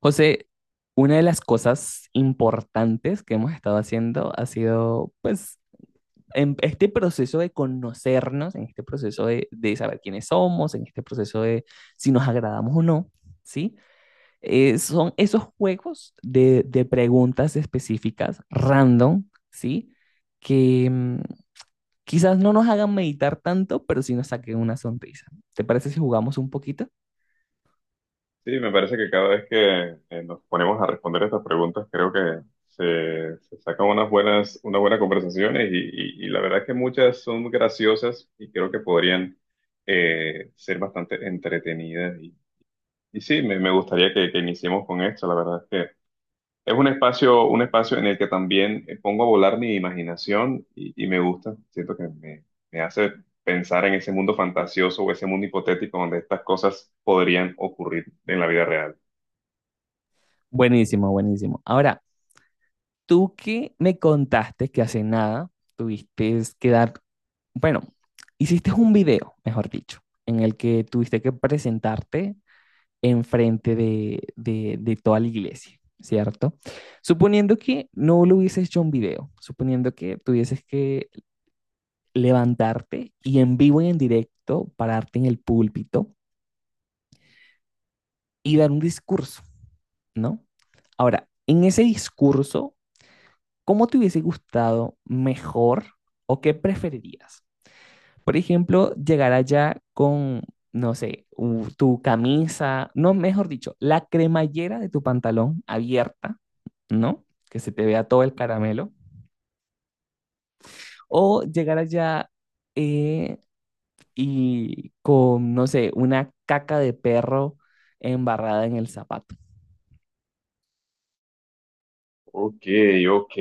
José, una de las cosas importantes que hemos estado haciendo ha sido, pues, en este proceso de conocernos, en este proceso de saber quiénes somos, en este proceso de si nos agradamos o no, ¿sí? Son esos juegos de preguntas específicas, random, ¿sí? Que quizás no nos hagan meditar tanto, pero sí nos saquen una sonrisa. ¿Te parece si jugamos un poquito? Sí, me parece que cada vez que nos ponemos a responder estas preguntas, creo que se sacan unas buenas conversaciones y la verdad es que muchas son graciosas y creo que podrían ser bastante entretenidas. Y sí, me gustaría que iniciemos con esto. La verdad es que es un espacio en el que también pongo a volar mi imaginación y me gusta. Siento que me hace pensar en ese mundo fantasioso o ese mundo hipotético donde estas cosas podrían ocurrir en la vida real. Buenísimo, buenísimo. Ahora, tú que me contaste que hace nada tuviste que dar, bueno, hiciste un video, mejor dicho, en el que tuviste que presentarte enfrente de toda la iglesia, ¿cierto? Suponiendo que no lo hubieses hecho un video, suponiendo que tuvieses que levantarte y en vivo y en directo pararte en el púlpito y dar un discurso, ¿no? Ahora, en ese discurso, ¿cómo te hubiese gustado mejor o qué preferirías? Por ejemplo, llegar allá con, no sé, tu camisa, no, mejor dicho, la cremallera de tu pantalón abierta, ¿no? Que se te vea todo el caramelo. O llegar allá eh, y con, no sé, una caca de perro embarrada en el zapato. Ok, ok.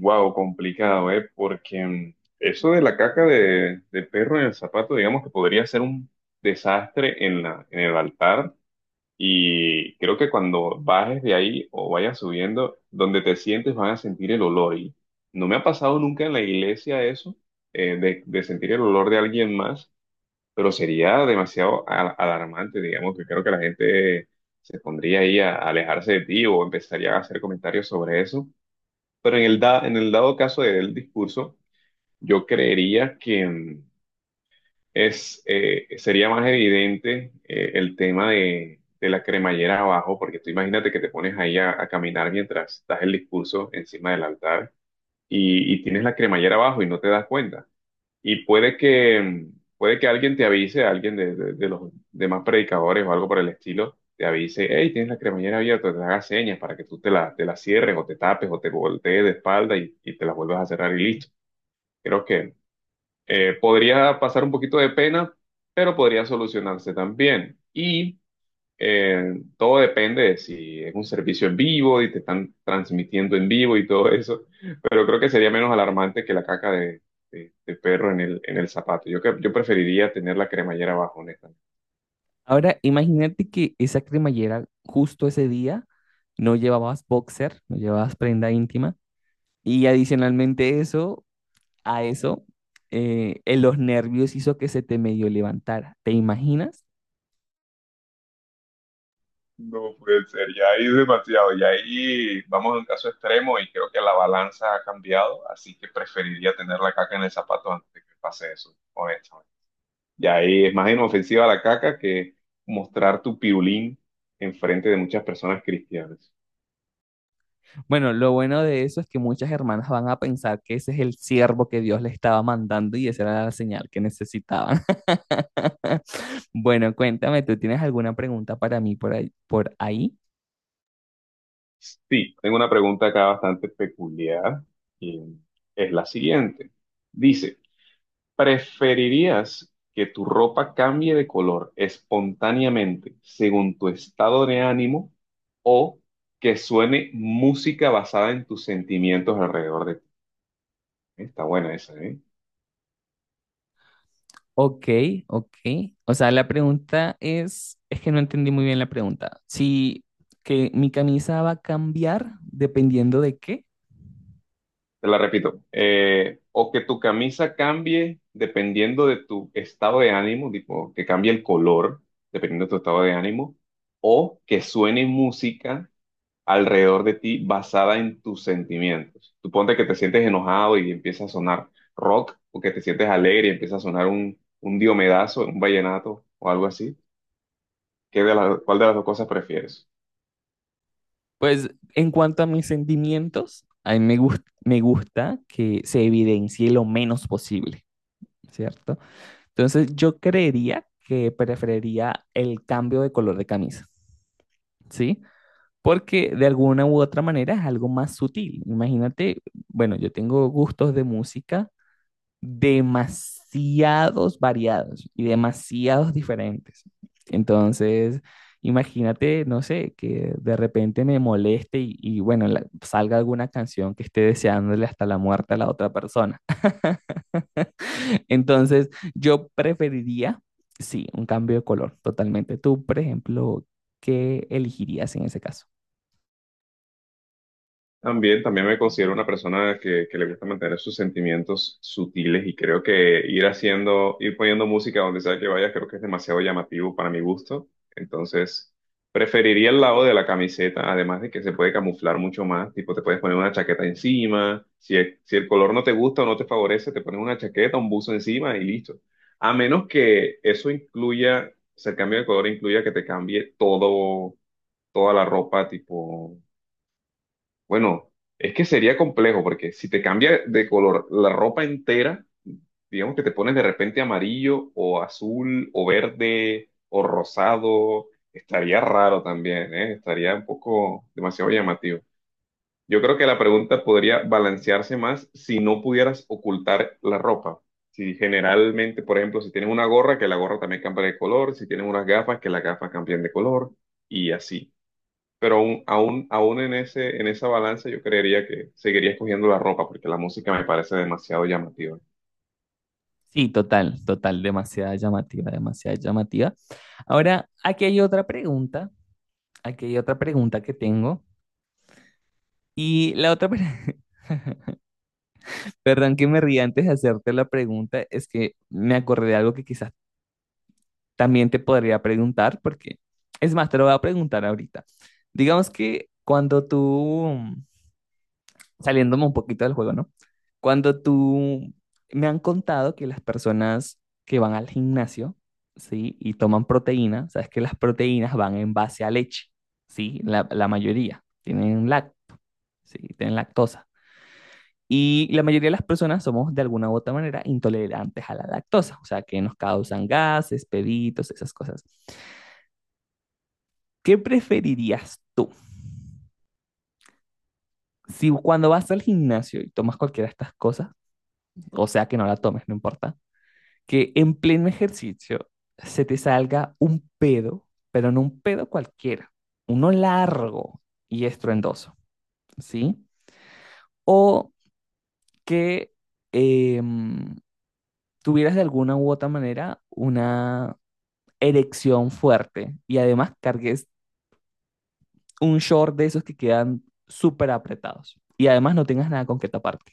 Wow, complicado, ¿eh? Porque eso de la caca de perro en el zapato, digamos que podría ser un desastre en la, en el altar. Y creo que cuando bajes de ahí o vayas subiendo, donde te sientes van a sentir el olor. Y no me ha pasado nunca en la iglesia eso, de sentir el olor de alguien más, pero sería demasiado alarmante, digamos, que creo que la gente se pondría ahí a alejarse de ti o empezaría a hacer comentarios sobre eso. Pero en en el dado caso del discurso, yo creería que sería más evidente el tema de la cremallera abajo, porque tú imagínate que te pones ahí a caminar mientras das el discurso encima del altar y tienes la cremallera abajo y no te das cuenta y puede que alguien te avise, alguien de los demás predicadores o algo por el estilo, te avise: hey, tienes la cremallera abierta, te haga señas para que tú te la cierres o te tapes o te voltees de espalda y te la vuelvas a cerrar y listo. Creo que podría pasar un poquito de pena, pero podría solucionarse también. Y eh, todo depende de si es un servicio en vivo y te están transmitiendo en vivo y todo eso, pero creo que sería menos alarmante que la caca de perro en el zapato. Yo, yo preferiría tener la cremallera abajo, honestamente. Ahora, imagínate que esa cremallera justo ese día no llevabas boxer, no llevabas prenda íntima y adicionalmente eso, a eso, en los nervios hizo que se te medio levantara. ¿Te imaginas? No puede ser, ya ahí es demasiado, ya ahí vamos a un caso extremo y creo que la balanza ha cambiado, así que preferiría tener la caca en el zapato antes de que pase eso, honestamente. Y ahí es más inofensiva la caca que mostrar tu pirulín enfrente de muchas personas cristianas. Bueno, lo bueno de eso es que muchas hermanas van a pensar que ese es el siervo que Dios le estaba mandando y esa era la señal que necesitaban. Bueno, cuéntame, ¿tú tienes alguna pregunta para mí por ahí, por ahí? Sí, tengo una pregunta acá bastante peculiar y es la siguiente. Dice: ¿preferirías que tu ropa cambie de color espontáneamente según tu estado de ánimo o que suene música basada en tus sentimientos alrededor de ti? Está buena esa, ¿eh? Ok, ok. O sea, la pregunta es que no entendí muy bien la pregunta. Si que mi camisa va a cambiar dependiendo de qué. Te la repito. O que tu camisa cambie dependiendo de tu estado de ánimo, tipo que cambie el color dependiendo de tu estado de ánimo, o que suene música alrededor de ti basada en tus sentimientos. Tú ponte que te sientes enojado y empieza a sonar rock, o que te sientes alegre y empieza a sonar un diomedazo, un vallenato o algo así. ¿Qué de cuál de las dos cosas prefieres? Pues en cuanto a mis sentimientos, a mí me gusta que se evidencie lo menos posible, ¿cierto? Entonces yo creería que preferiría el cambio de color de camisa, ¿sí? Porque de alguna u otra manera es algo más sutil. Imagínate, bueno, yo tengo gustos de música demasiados variados y demasiados diferentes. Entonces, imagínate, no sé, que de repente me moleste y bueno, salga alguna canción que esté deseándole hasta la muerte a la otra persona. Entonces, yo preferiría, sí, un cambio de color, totalmente. Tú, por ejemplo, ¿qué elegirías en ese caso? También, también me considero una persona que le gusta mantener sus sentimientos sutiles y creo que ir haciendo, ir poniendo música donde sea que vaya, creo que es demasiado llamativo para mi gusto. Entonces, preferiría el lado de la camiseta, además de que se puede camuflar mucho más, tipo te puedes poner una chaqueta encima, si, si el color no te gusta o no te favorece, te pones una chaqueta, un buzo encima y listo. A menos que eso incluya, o sea, el cambio de color incluya que te cambie todo, toda la ropa, tipo bueno, es que sería complejo porque si te cambia de color la ropa entera, digamos que te pones de repente amarillo o azul o verde o rosado, estaría raro también, ¿eh? Estaría un poco demasiado llamativo. Yo creo que la pregunta podría balancearse más si no pudieras ocultar la ropa. Si generalmente, por ejemplo, si tienes una gorra, que la gorra también cambie de color, si tienes unas gafas, que las gafas cambien de color y así, pero aún, aún, aún en ese, en esa balanza yo creería que seguiría escogiendo la ropa porque la música me parece demasiado llamativa. Sí, total, total, demasiada llamativa, demasiada llamativa. Ahora, aquí hay otra pregunta, aquí hay otra pregunta que tengo. Y la otra, perdón que me ría antes de hacerte la pregunta, es que me acordé de algo que quizás también te podría preguntar, porque es más, te lo voy a preguntar ahorita. Digamos que cuando tú, saliéndome un poquito del juego, ¿no? Cuando tú, me han contado que las personas que van al gimnasio, ¿sí? Y toman proteína, sabes que las proteínas van en base a leche, ¿sí? La mayoría tienen lac, ¿sí? Tienen lactosa. Y la mayoría de las personas somos de alguna u otra manera intolerantes a la lactosa, o sea, que nos causan gases, peditos, esas cosas. ¿Qué preferirías tú? Si cuando vas al gimnasio y tomas cualquiera de estas cosas, o sea, que no la tomes, no importa, que en pleno ejercicio se te salga un pedo, pero no un pedo cualquiera, uno largo y estruendoso, ¿sí? O que eh, tuvieras de alguna u otra manera una erección fuerte y además cargues un short de esos que quedan súper apretados y además no tengas nada con que taparte.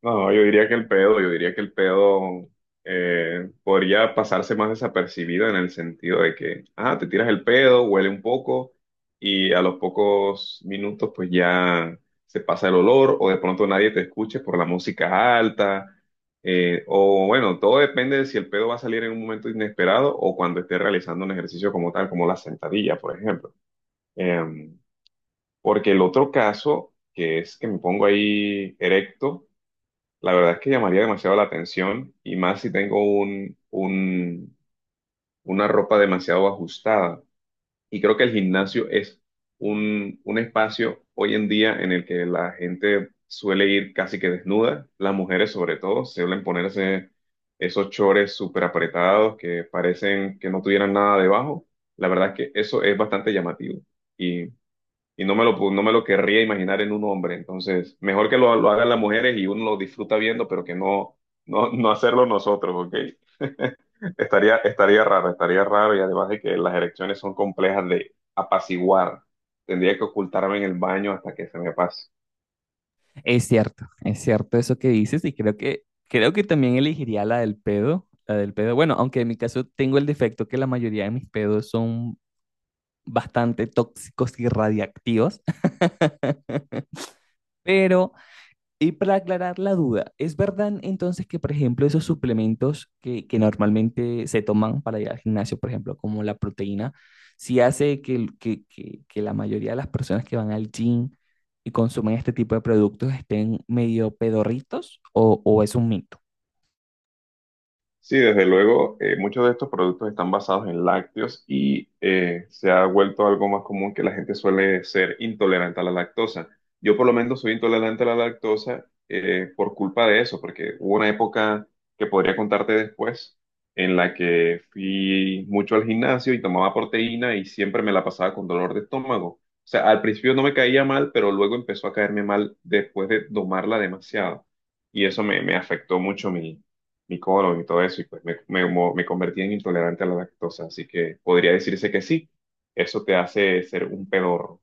No, no, yo diría que el pedo, yo diría que el pedo podría pasarse más desapercibido en el sentido de que, ah, te tiras el pedo, huele un poco y a los pocos minutos pues ya se pasa el olor o de pronto nadie te escuche por la música alta, o bueno, todo depende de si el pedo va a salir en un momento inesperado o cuando esté realizando un ejercicio como tal, como la sentadilla, por ejemplo. Em, Porque el otro caso, que es que me pongo ahí erecto, la verdad es que llamaría demasiado la atención y más si tengo una ropa demasiado ajustada. Y creo que el gimnasio es un espacio hoy en día en el que la gente suele ir casi que desnuda, las mujeres sobre todo, suelen ponerse esos chores súper apretados que parecen que no tuvieran nada debajo. La verdad es que eso es bastante llamativo y no me lo, no me lo querría imaginar en un hombre. Entonces, mejor que lo hagan las mujeres y uno lo disfruta viendo, pero que no, no, no hacerlo nosotros, ¿ok? Estaría, estaría raro y además de que las erecciones son complejas de apaciguar. Tendría que ocultarme en el baño hasta que se me pase. Es cierto eso que dices y creo que también elegiría la del pedo, la del pedo. Bueno, aunque en mi caso tengo el defecto que la mayoría de mis pedos son bastante tóxicos y radiactivos, pero y para aclarar la duda, ¿es verdad entonces que, por ejemplo, esos suplementos que normalmente se toman para ir al gimnasio, por ejemplo, como la proteína, sí hace que, que la mayoría de las personas que van al gym y consumen este tipo de productos estén medio pedorritos o es un mito? Sí, desde luego, muchos de estos productos están basados en lácteos y se ha vuelto algo más común que la gente suele ser intolerante a la lactosa. Yo por lo menos soy intolerante a la lactosa por culpa de eso, porque hubo una época que podría contarte después en la que fui mucho al gimnasio y tomaba proteína y siempre me la pasaba con dolor de estómago. O sea, al principio no me caía mal, pero luego empezó a caerme mal después de tomarla demasiado. Y eso me afectó mucho mi colon y todo eso, y pues me, me convertí en intolerante a la lactosa, así que podría decirse que sí, eso te hace ser un pedorro.